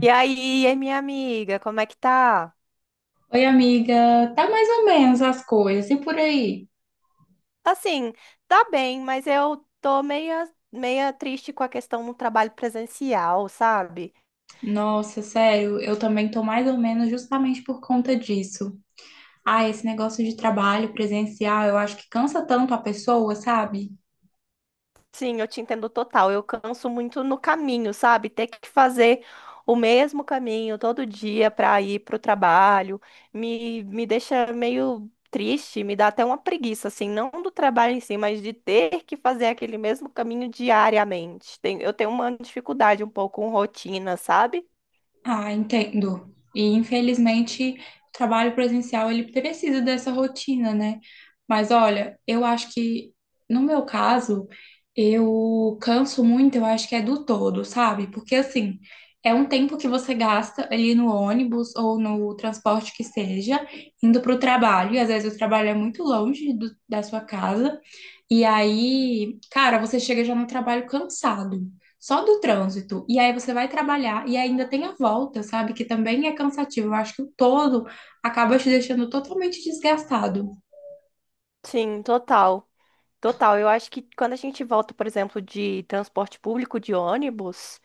E aí, e minha amiga, como é que tá? Oi, amiga. Tá mais ou menos as coisas. E por aí? Assim, tá bem, mas eu tô meia triste com a questão do trabalho presencial, sabe? Nossa, sério, eu também tô mais ou menos justamente por conta disso. Ah, esse negócio de trabalho presencial, eu acho que cansa tanto a pessoa, sabe? Sim, eu te entendo total. Eu canso muito no caminho, sabe? Ter que fazer o mesmo caminho todo dia para ir pro trabalho me deixa meio triste, me dá até uma preguiça, assim, não do trabalho em si, mas de ter que fazer aquele mesmo caminho diariamente. Eu tenho uma dificuldade um pouco com rotina, sabe? Ah, entendo. E infelizmente o trabalho presencial ele precisa dessa rotina, né? Mas olha, eu acho que no meu caso, eu canso muito, eu acho que é do todo, sabe? Porque assim, é um tempo que você gasta ali no ônibus ou no transporte que seja, indo para o trabalho, e às vezes o trabalho é muito longe da sua casa. E aí, cara, você chega já no trabalho cansado, só do trânsito. E aí você vai trabalhar e ainda tem a volta, sabe? Que também é cansativo. Eu acho que o todo acaba te deixando totalmente desgastado. Sim, total. Total. Eu acho que quando a gente volta, por exemplo, de transporte público, de ônibus,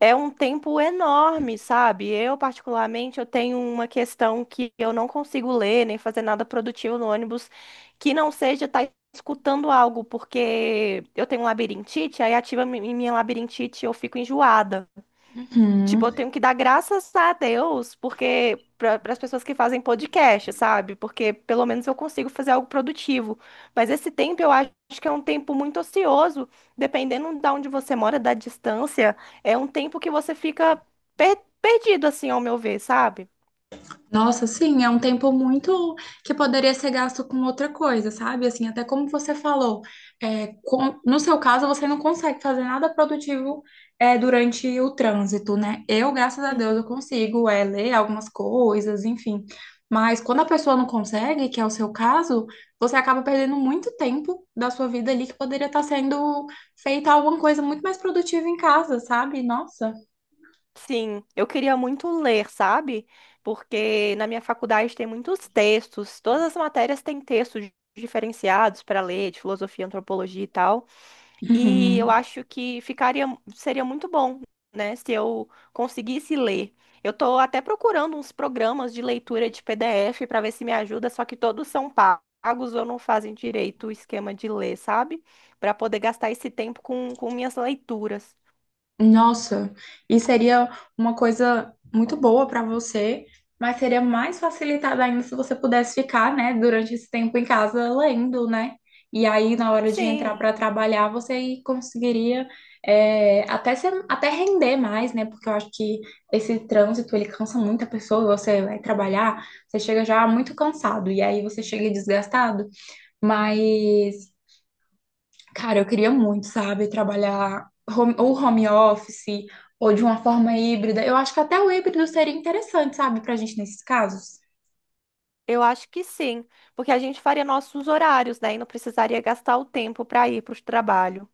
é um tempo enorme, sabe? Eu, particularmente, eu tenho uma questão que eu não consigo ler nem fazer nada produtivo no ônibus que não seja estar escutando algo, porque eu tenho um labirintite, aí ativa minha labirintite e eu fico enjoada. Tipo, eu tenho que dar graças a Deus, porque para as pessoas que fazem podcast, sabe? Porque pelo menos eu consigo fazer algo produtivo. Mas esse tempo eu acho que é um tempo muito ocioso, dependendo da onde você mora, da distância, é um tempo que você fica perdido, assim, ao meu ver, sabe? Nossa, sim, é um tempo muito que poderia ser gasto com outra coisa, sabe? Assim, até como você falou, é, no seu caso, você não consegue fazer nada produtivo, é, durante o trânsito, né? Eu, graças a Deus, Uhum. eu consigo, é, ler algumas coisas, enfim. Mas quando a pessoa não consegue, que é o seu caso, você acaba perdendo muito tempo da sua vida ali que poderia estar sendo feita alguma coisa muito mais produtiva em casa, sabe? Nossa. Sim, eu queria muito ler, sabe? Porque na minha faculdade tem muitos textos, todas as matérias têm textos diferenciados para ler, de filosofia, antropologia e tal. E eu Uhum. acho que ficaria, seria muito bom, né, se eu conseguisse ler. Eu tô até procurando uns programas de leitura de PDF para ver se me ajuda, só que todos são pagos ou não fazem direito o esquema de ler, sabe? Para poder gastar esse tempo com minhas leituras. Nossa, e seria uma coisa muito boa para você, mas seria mais facilitada ainda se você pudesse ficar, né, durante esse tempo em casa lendo, né? E aí, na hora de entrar Sim, para trabalhar, você conseguiria é, até ser, até render mais, né? Porque eu acho que esse trânsito, ele cansa muito a pessoa. Você vai trabalhar, você chega já muito cansado, e aí você chega desgastado, mas. Cara, eu queria muito, sabe, trabalhar ou home office ou de uma forma híbrida. Eu acho que até o híbrido seria interessante, sabe, pra gente nesses casos. eu acho que sim, porque a gente faria nossos horários, né, e não precisaria gastar o tempo para ir para o trabalho.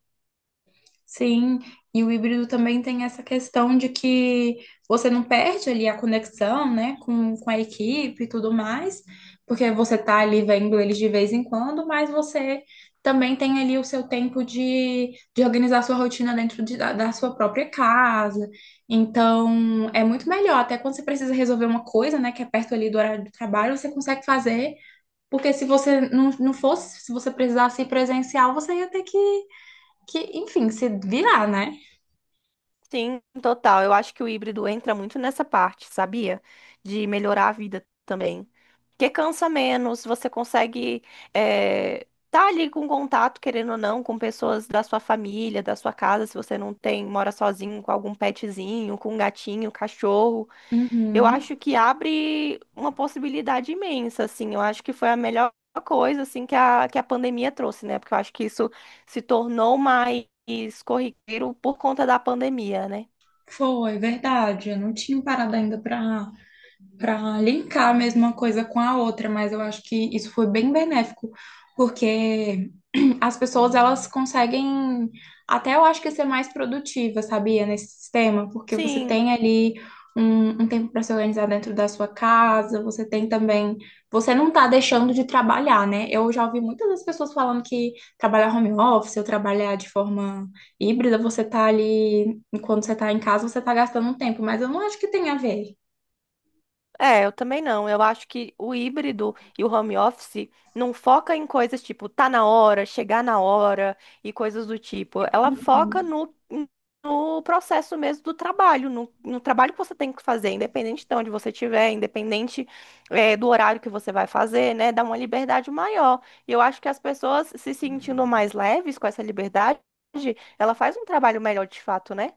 Sim, e o híbrido também tem essa questão de que você não perde ali a conexão, né, com a equipe e tudo mais, porque você tá ali vendo eles de vez em quando, mas você também tem ali o seu tempo de organizar sua rotina dentro da, da sua própria casa. Então, é muito melhor, até quando você precisa resolver uma coisa, né, que é perto ali do horário do trabalho, você consegue fazer, porque se você não, não fosse, se você precisasse ir presencial, você ia ter que enfim, se virar, né? Sim, total. Eu acho que o híbrido entra muito nessa parte, sabia? De melhorar a vida também. Porque cansa menos, você consegue estar tá ali com contato, querendo ou não, com pessoas da sua família, da sua casa, se você não tem, mora sozinho, com algum petzinho, com um gatinho, cachorro. Eu Uhum. acho que abre uma possibilidade imensa, assim. Eu acho que foi a melhor coisa, assim, que a pandemia trouxe, né? Porque eu acho que isso se tornou mais corriqueiro por conta da pandemia, né? Foi, verdade. Eu não tinha parado ainda para linkar a mesma coisa com a outra, mas eu acho que isso foi bem benéfico, porque as pessoas elas conseguem até eu acho que ser mais produtiva, sabia, nesse sistema, porque você Sim, tem ali um, um tempo para se organizar dentro da sua casa, você tem também, você não tá deixando de trabalhar, né? Eu já ouvi muitas das pessoas falando que trabalhar home office ou trabalhar de forma híbrida, você tá ali, quando você tá em casa, você tá gastando um tempo, mas eu não acho que tem a ver. é, eu também não. Eu acho que o híbrido e o home office não foca em coisas tipo tá na hora, chegar na hora e coisas do tipo. Ela foca no processo mesmo do trabalho, no trabalho que você tem que fazer, independente de onde você estiver, independente, do horário que você vai fazer, né? Dá uma liberdade maior. E eu acho que as pessoas se sentindo mais leves com essa liberdade, ela faz um trabalho melhor de fato, né?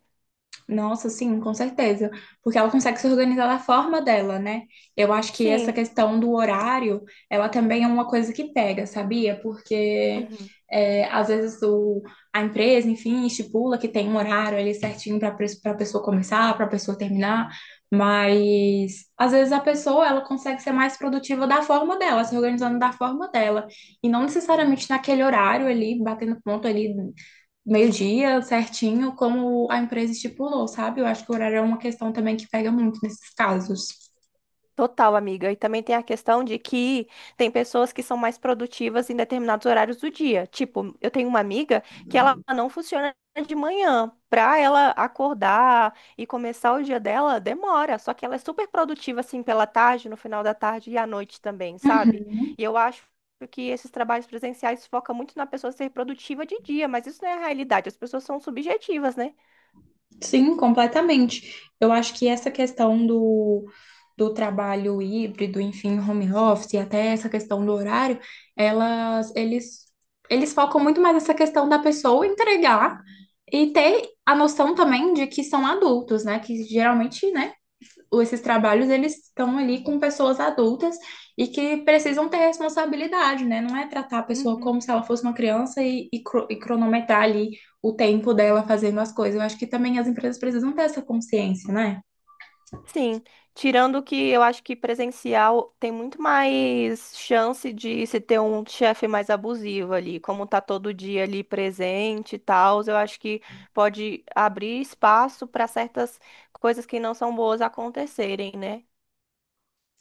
Nossa, sim, com certeza. Porque ela consegue se organizar da forma dela, né? Eu acho que essa Sim. questão do horário, ela também é uma coisa que pega, sabia? Porque Uhum. é, às vezes a empresa, enfim, estipula que tem um horário ali certinho para a pessoa começar, para a pessoa terminar, mas às vezes a pessoa ela consegue ser mais produtiva da forma dela, se organizando da forma dela, e não necessariamente naquele horário ali, batendo ponto ali meio-dia, certinho, como a empresa estipulou, sabe? Eu acho que o horário é uma questão também que pega muito nesses casos. Total, amiga. E também tem a questão de que tem pessoas que são mais produtivas em determinados horários do dia. Tipo, eu tenho uma amiga que ela não funciona de manhã. Pra ela acordar e começar o dia dela, demora. Só que ela é super produtiva, assim, pela tarde, no final da tarde e à noite também, sabe? Uhum. E eu acho que esses trabalhos presenciais focam muito na pessoa ser produtiva de dia, mas isso não é a realidade. As pessoas são subjetivas, né? Sim, completamente. Eu acho que essa questão do trabalho híbrido, enfim, home office, e até essa questão do horário, elas, eles, eles focam muito mais nessa questão da pessoa entregar e ter a noção também de que são adultos, né? Que geralmente, né, esses trabalhos eles estão ali com pessoas adultas e que precisam ter responsabilidade, né? Não é tratar a pessoa Uhum. como se ela fosse uma criança e cronometrar ali o tempo dela fazendo as coisas. Eu acho que também as empresas precisam ter essa consciência, né? Sim, tirando que eu acho que presencial tem muito mais chance de se ter um chefe mais abusivo ali, como tá todo dia ali presente e tal, eu acho que pode abrir espaço para certas coisas que não são boas acontecerem, né?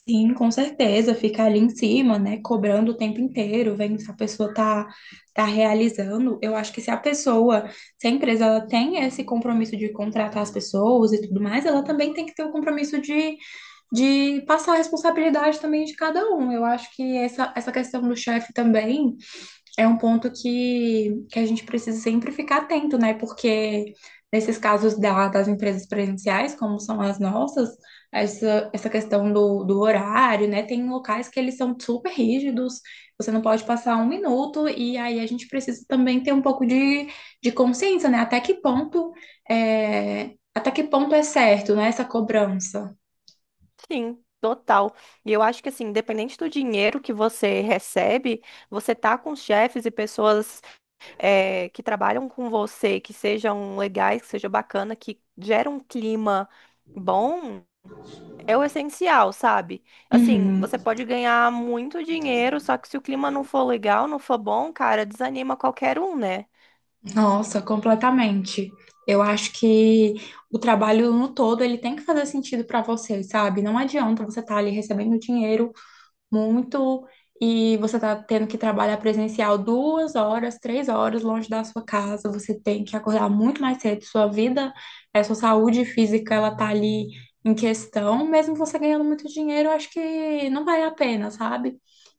Sim, com certeza, ficar ali em cima, né? Cobrando o tempo inteiro, vendo se a pessoa tá, tá realizando. Eu acho que se a pessoa, se a empresa ela tem esse compromisso de contratar as pessoas e tudo mais, ela também tem que ter o compromisso de passar a responsabilidade também de cada um. Eu acho que essa questão do chefe também é um ponto que a gente precisa sempre ficar atento, né? Porque nesses casos das empresas presenciais, como são as nossas, essa questão do horário, né? Tem locais que eles são super rígidos, você não pode passar um minuto, e aí a gente precisa também ter um pouco de consciência, né? Até que ponto é, até que ponto é certo, né, essa cobrança. Sim, total. E eu acho que assim, independente do dinheiro que você recebe, você tá com chefes e pessoas que trabalham com você, que sejam legais, que seja bacana, que gera um clima bom, é o essencial, sabe? Assim, Uhum. você pode ganhar muito dinheiro, só que se o clima não for legal, não for bom, cara, desanima qualquer um, né? Nossa, completamente. Eu acho que o trabalho no todo ele tem que fazer sentido para você, sabe? Não adianta você estar ali recebendo dinheiro muito e você tá tendo que trabalhar presencial 2 horas, 3 horas longe da sua casa. Você tem que acordar muito mais cedo. Sua vida, é, sua saúde física, ela tá ali em questão. Mesmo você ganhando muito dinheiro, eu acho que não vale a pena, sabe?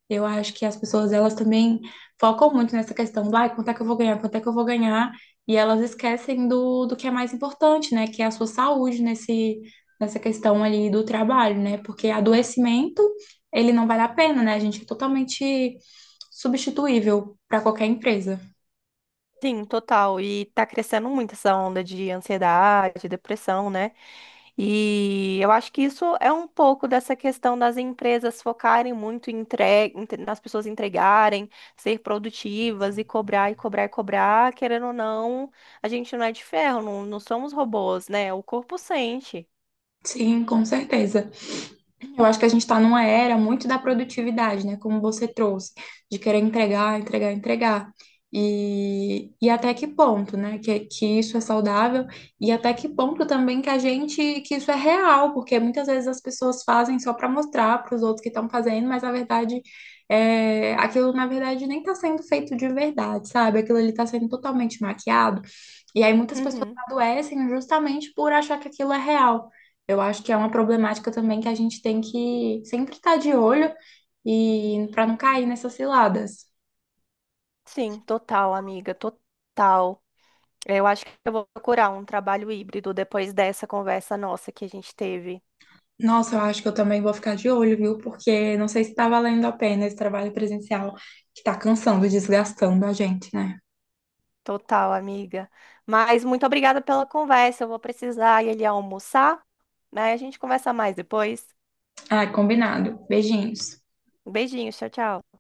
Eu acho que as pessoas, elas também focam muito nessa questão do, ai, quanto é que eu vou ganhar, quanto é que eu vou ganhar, e elas esquecem do que é mais importante, né, que é a sua saúde nesse, nessa questão ali do trabalho, né, porque adoecimento, ele não vale a pena, né, a gente é totalmente substituível para qualquer empresa. Sim, total. E tá crescendo muito essa onda de ansiedade, depressão, né? E eu acho que isso é um pouco dessa questão das empresas focarem muito em nas pessoas entregarem, ser produtivas e cobrar e cobrar e cobrar. Querendo ou não, a gente não é de ferro, não somos robôs, né? O corpo sente. Sim, com certeza. Eu acho que a gente está numa era muito da produtividade, né? Como você trouxe, de querer entregar, entregar, entregar. E até que ponto, né? Que isso é saudável e até que ponto também que a gente, que isso é real, porque muitas vezes as pessoas fazem só para mostrar para os outros que estão fazendo, mas na verdade, é, aquilo na verdade nem está sendo feito de verdade, sabe? Aquilo ali está sendo totalmente maquiado. E aí muitas pessoas Uhum. adoecem justamente por achar que aquilo é real. Eu acho que é uma problemática também que a gente tem que sempre estar de olho e para não cair nessas ciladas. Sim, total, amiga, total. Eu acho que eu vou procurar um trabalho híbrido depois dessa conversa nossa que a gente teve. Nossa, eu acho que eu também vou ficar de olho, viu? Porque não sei se está valendo a pena esse trabalho presencial que está cansando, desgastando a gente, né? Total, amiga. Mas muito obrigada pela conversa. Eu vou precisar ir ali almoçar, né? A gente conversa mais depois. Ai, combinado. Beijinhos. Beijinhos, tchau, tchau.